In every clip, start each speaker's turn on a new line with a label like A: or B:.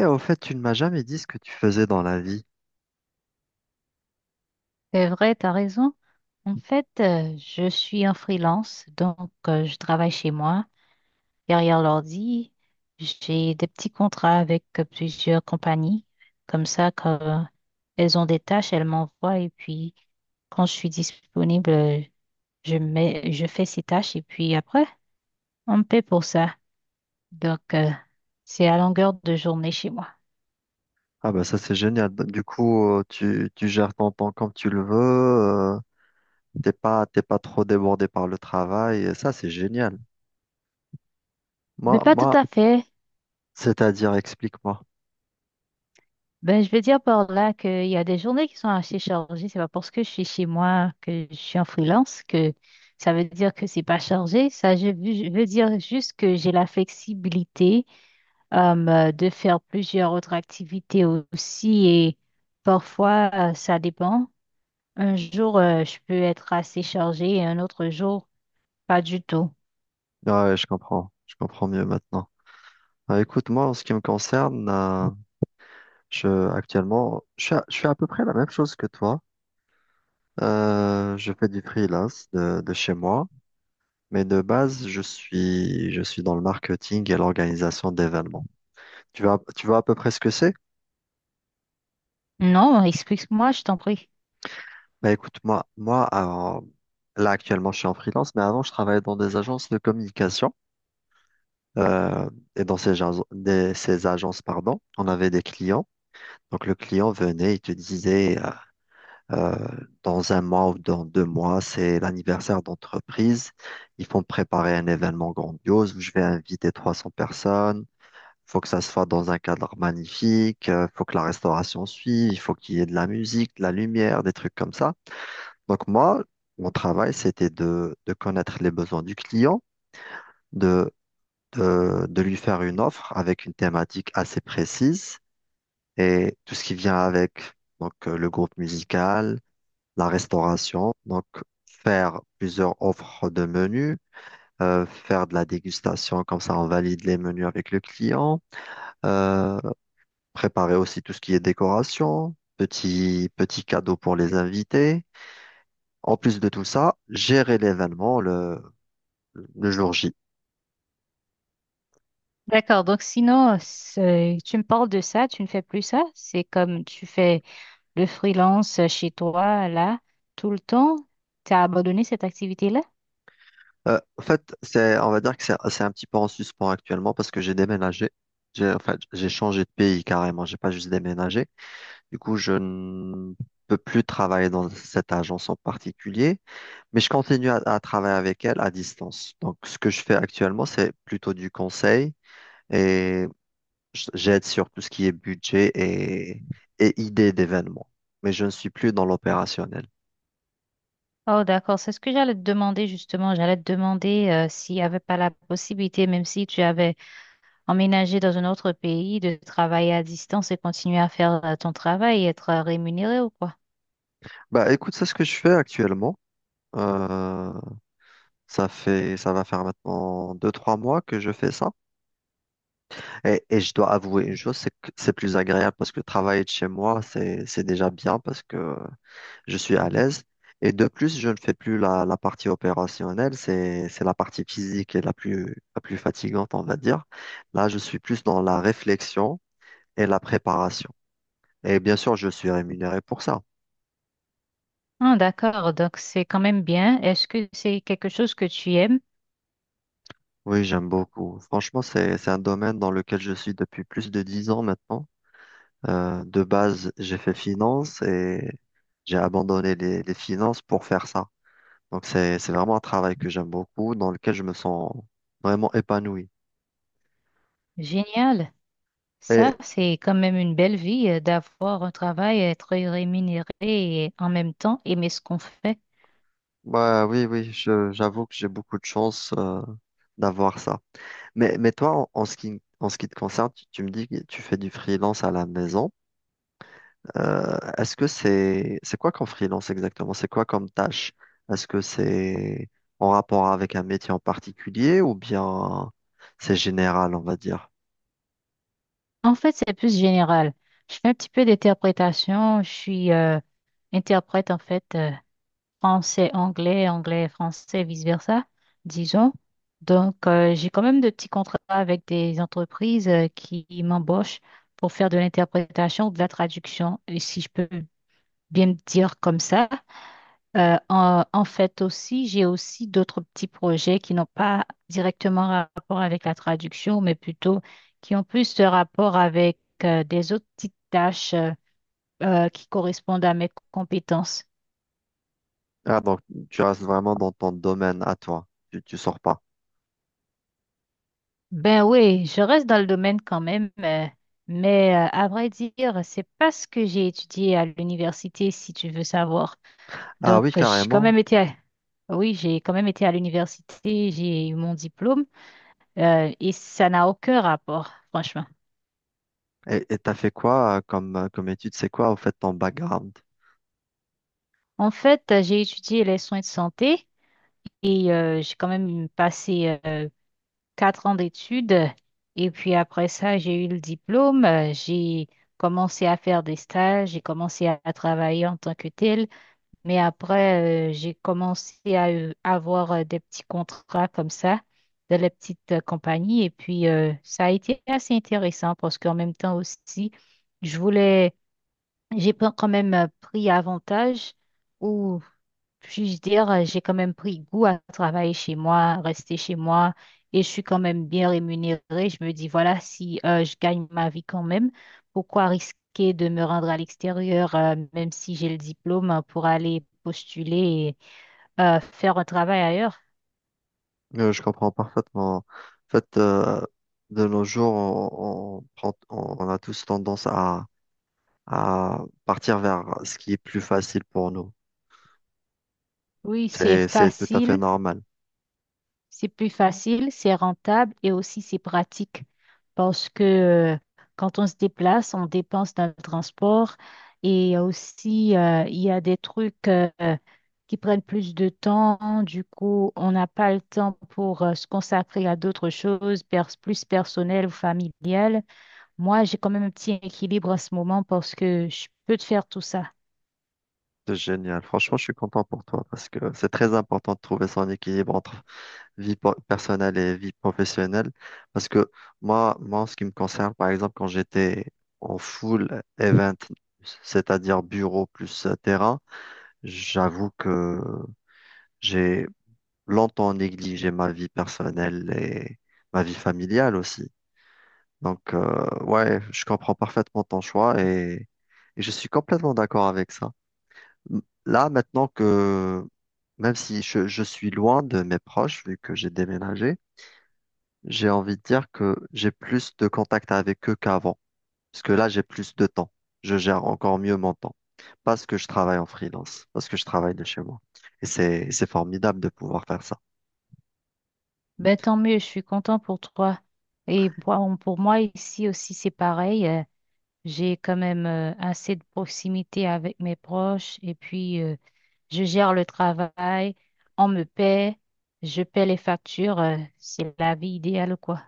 A: Et au fait, tu ne m'as jamais dit ce que tu faisais dans la vie.
B: C'est vrai, tu as raison. En fait, je suis en freelance, donc je travaille chez moi, derrière l'ordi. J'ai des petits contrats avec plusieurs compagnies. Comme ça, quand elles ont des tâches, elles m'envoient et puis quand je suis disponible, je mets, je fais ces tâches et puis après, on me paie pour ça. Donc, c'est à longueur de journée chez moi.
A: Ah bah ça c'est génial. Du coup, tu gères ton temps comme tu le veux. euh, t'es pas trop débordé par le travail. Et ça c'est génial.
B: Mais
A: Moi,
B: pas tout
A: moi,
B: à fait.
A: c'est-à-dire, explique-moi.
B: Ben, je veux dire par là qu'il y a des journées qui sont assez chargées. C'est pas parce que je suis chez moi que je suis en freelance que ça veut dire que c'est pas chargé. Ça, je veux dire juste que j'ai la flexibilité, de faire plusieurs autres activités aussi et parfois, ça dépend. Un jour, je peux être assez chargée et un autre jour, pas du tout.
A: Ah ouais, je comprends. Je comprends mieux maintenant. Ah, écoute, moi, en ce qui me concerne, actuellement, je fais à peu près la même chose que toi. Je fais du freelance de chez moi. Mais de base, je suis dans le marketing et l'organisation d'événements. Tu vois à peu près ce que c'est?
B: Non, explique-moi, je t'en prie.
A: Bah écoute, moi, là actuellement je suis en freelance, mais avant je travaillais dans des agences de communication. euh, et dans ces agences, pardon, on avait des clients. Donc le client venait, il te disait euh, dans un mois ou dans deux mois, c'est l'anniversaire d'entreprise. Ils font préparer un événement grandiose où je vais inviter 300 personnes. Faut que ça se fasse dans un cadre magnifique. Faut que la restauration suive. Il faut qu'il y ait de la musique, de la lumière, des trucs comme ça. Donc moi, mon travail, c'était de connaître les besoins du client, de, de lui faire une offre avec une thématique assez précise et tout ce qui vient avec, donc le groupe musical, la restauration, donc faire plusieurs offres de menus, faire de la dégustation, comme ça on valide les menus avec le client, euh, préparer aussi tout ce qui est décoration, petit, petit cadeau pour les invités. En plus de tout ça, gérer l'événement, le jour J.
B: D'accord, donc sinon, tu me parles de ça, tu ne fais plus ça? C'est comme tu fais le freelance chez toi, là, tout le temps, tu as abandonné cette activité-là?
A: En fait, on va dire que c'est un petit peu en suspens actuellement parce que j'ai déménagé. En fait, j'ai changé de pays carrément. J'ai pas juste déménagé. Du coup, je ne peux plus travailler dans cette agence en particulier, mais je continue à travailler avec elle à distance. Donc, ce que je fais actuellement, c'est plutôt du conseil et j'aide sur tout ce qui est budget et idées d'événements. Mais je ne suis plus dans l'opérationnel.
B: Oh, d'accord. C'est ce que j'allais te demander justement. J'allais te demander s'il n'y avait pas la possibilité, même si tu avais emménagé dans un autre pays, de travailler à distance et continuer à faire ton travail et être rémunéré ou quoi.
A: Bah, écoute, c'est ce que je fais actuellement. Euh, ça va faire maintenant 2, 3 mois que je fais ça. Et je dois avouer une chose, c'est que c'est plus agréable parce que travailler de chez moi, c'est déjà bien parce que je suis à l'aise. Et de plus, je ne fais plus la partie opérationnelle, c'est la partie physique et la plus fatigante, on va dire. Là, je suis plus dans la réflexion et la préparation. Et bien sûr, je suis rémunéré pour ça.
B: Ah, d'accord, donc c'est quand même bien. Est-ce que c'est quelque chose que tu aimes?
A: Oui, j'aime beaucoup. Franchement, c'est un domaine dans lequel je suis depuis plus de 10 ans maintenant. De base, j'ai fait finance et j'ai abandonné les finances pour faire ça. Donc c'est vraiment un travail que j'aime beaucoup, dans lequel je me sens vraiment épanoui.
B: Génial. Ça,
A: Et
B: c'est quand même une belle vie, d'avoir un travail, être rémunéré et en même temps aimer ce qu'on fait.
A: bah, oui, oui, j'avoue que j'ai beaucoup de chance d'avoir ça. Mais toi, en ce qui te concerne, tu me dis que tu fais du freelance à la maison. Est-ce que c'est quoi qu'en freelance exactement? C'est quoi comme tâche? Est-ce que c'est en rapport avec un métier en particulier ou bien c'est général, on va dire?
B: En fait, c'est plus général. Je fais un petit peu d'interprétation. Je suis, interprète, en fait. Français, anglais, anglais, français, vice-versa, disons. Donc, j'ai quand même de petits contrats avec des entreprises qui m'embauchent pour faire de l'interprétation ou de la traduction, et si je peux bien me dire comme ça. En fait aussi, j'ai aussi d'autres petits projets qui n'ont pas directement rapport avec la traduction, mais plutôt qui ont plus de rapport avec des autres petites tâches qui correspondent à mes compétences.
A: Ah, donc tu restes vraiment dans ton domaine à toi. Tu sors pas.
B: Ben oui, je reste dans le domaine quand même, mais à vrai dire, c'est pas ce que j'ai étudié à l'université, si tu veux savoir.
A: Ah
B: Donc,
A: oui,
B: j'ai quand
A: carrément.
B: même oui, j'ai quand même été à l'université, j'ai eu mon diplôme, et ça n'a aucun rapport, franchement.
A: Et t'as fait quoi comme étude? C'est quoi, au fait, ton background?
B: En fait, j'ai étudié les soins de santé et j'ai quand même passé 4 ans d'études. Et puis après ça, j'ai eu le diplôme. J'ai commencé à faire des stages, j'ai commencé à travailler en tant que tel. Mais après, j'ai commencé à, avoir, des petits contrats comme ça, de les petites compagnies. Et puis, ça a été assez intéressant parce qu'en même temps aussi, je voulais, j'ai pas quand même pris avantage, ou puis-je dire, j'ai quand même pris goût à travailler chez moi, à rester chez moi, et je suis quand même bien rémunérée. Je me dis, voilà, si je gagne ma vie quand même, pourquoi risquer de me rendre à l'extérieur, même si j'ai le diplôme, pour aller postuler et faire un travail ailleurs?
A: Je comprends parfaitement. En fait, de nos jours, on a tous tendance à partir vers ce qui est plus facile pour nous.
B: Oui, c'est
A: C'est tout à fait
B: facile.
A: normal.
B: C'est plus facile, c'est rentable et aussi c'est pratique parce que, euh, quand on se déplace, on dépense dans le transport et aussi, il y a des trucs qui prennent plus de temps. Du coup, on n'a pas le temps pour se consacrer à d'autres choses plus personnelles ou familiales. Moi, j'ai quand même un petit équilibre en ce moment parce que je peux te faire tout ça.
A: C'est génial. Franchement, je suis content pour toi parce que c'est très important de trouver son équilibre entre personnelle et vie professionnelle. Parce que moi, en ce qui me concerne, par exemple, quand j'étais en full event, c'est-à-dire bureau plus terrain, j'avoue que j'ai longtemps négligé ma vie personnelle et ma vie familiale aussi. Donc, ouais, je comprends parfaitement ton choix et je suis complètement d'accord avec ça. Là, même si je suis loin de mes proches, vu que j'ai déménagé, j'ai envie de dire que j'ai plus de contact avec eux qu'avant. Parce que là, j'ai plus de temps. Je gère encore mieux mon temps. Parce que je travaille en freelance, parce que je travaille de chez moi. Et c'est formidable de pouvoir faire ça.
B: Ben, tant mieux, je suis content pour toi. Et pour moi ici aussi, c'est pareil. J'ai quand même assez de proximité avec mes proches et puis, je gère le travail, on me paie, je paie les factures, c'est la vie idéale quoi.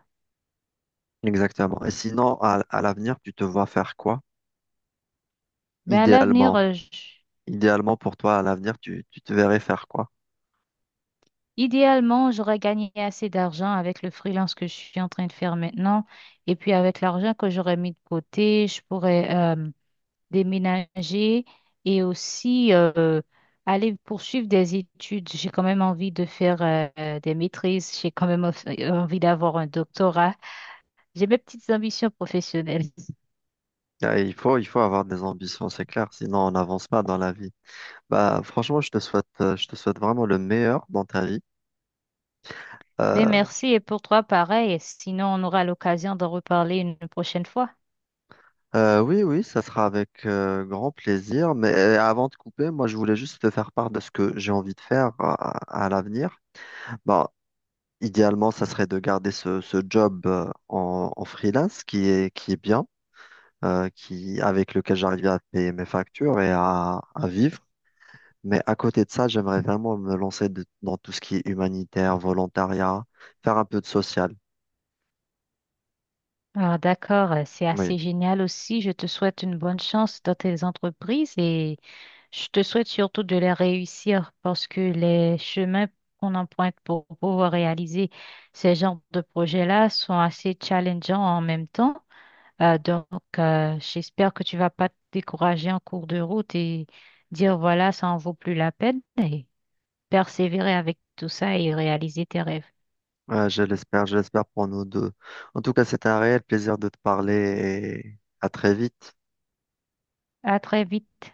A: Exactement. Et sinon, à l'avenir, tu te vois faire quoi?
B: Ben à l'avenir,
A: Idéalement. Idéalement pour toi, à l'avenir, tu te verrais faire quoi?
B: idéalement, j'aurais gagné assez d'argent avec le freelance que je suis en train de faire maintenant et puis avec l'argent que j'aurais mis de côté, je pourrais, déménager et aussi, aller poursuivre des études. J'ai quand même envie de faire, des maîtrises, j'ai quand même envie d'avoir un doctorat. J'ai mes petites ambitions professionnelles.
A: Ah, il faut, il faut avoir des ambitions, c'est clair, sinon on n'avance pas dans la vie. Bah, franchement, je te souhaite vraiment le meilleur dans ta vie.
B: Mais
A: Euh,
B: merci et pour toi pareil, sinon on aura l'occasion d'en reparler une prochaine fois.
A: oui, oui, ça sera avec grand plaisir. Mais avant de couper, moi, je voulais juste te faire part de ce que j'ai envie de faire à l'avenir. Bah, idéalement, ça serait de garder ce job en freelance qui est bien. Qui, avec lequel j'arrivais à payer mes factures et à vivre. Mais à côté de ça, j'aimerais vraiment me lancer dans tout ce qui est humanitaire, volontariat, faire un peu de social.
B: Ah d'accord, c'est
A: Oui,
B: assez génial aussi. Je te souhaite une bonne chance dans tes entreprises et je te souhaite surtout de les réussir parce que les chemins qu'on emprunte pour pouvoir réaliser ces genres de projets-là sont assez challengeants en même temps. Donc, j'espère que tu vas pas te décourager en cours de route et dire voilà, ça en vaut plus la peine et persévérer avec tout ça et réaliser tes rêves.
A: Je l'espère pour nous deux. En tout cas, c'était un réel plaisir de te parler et à très vite.
B: À très vite.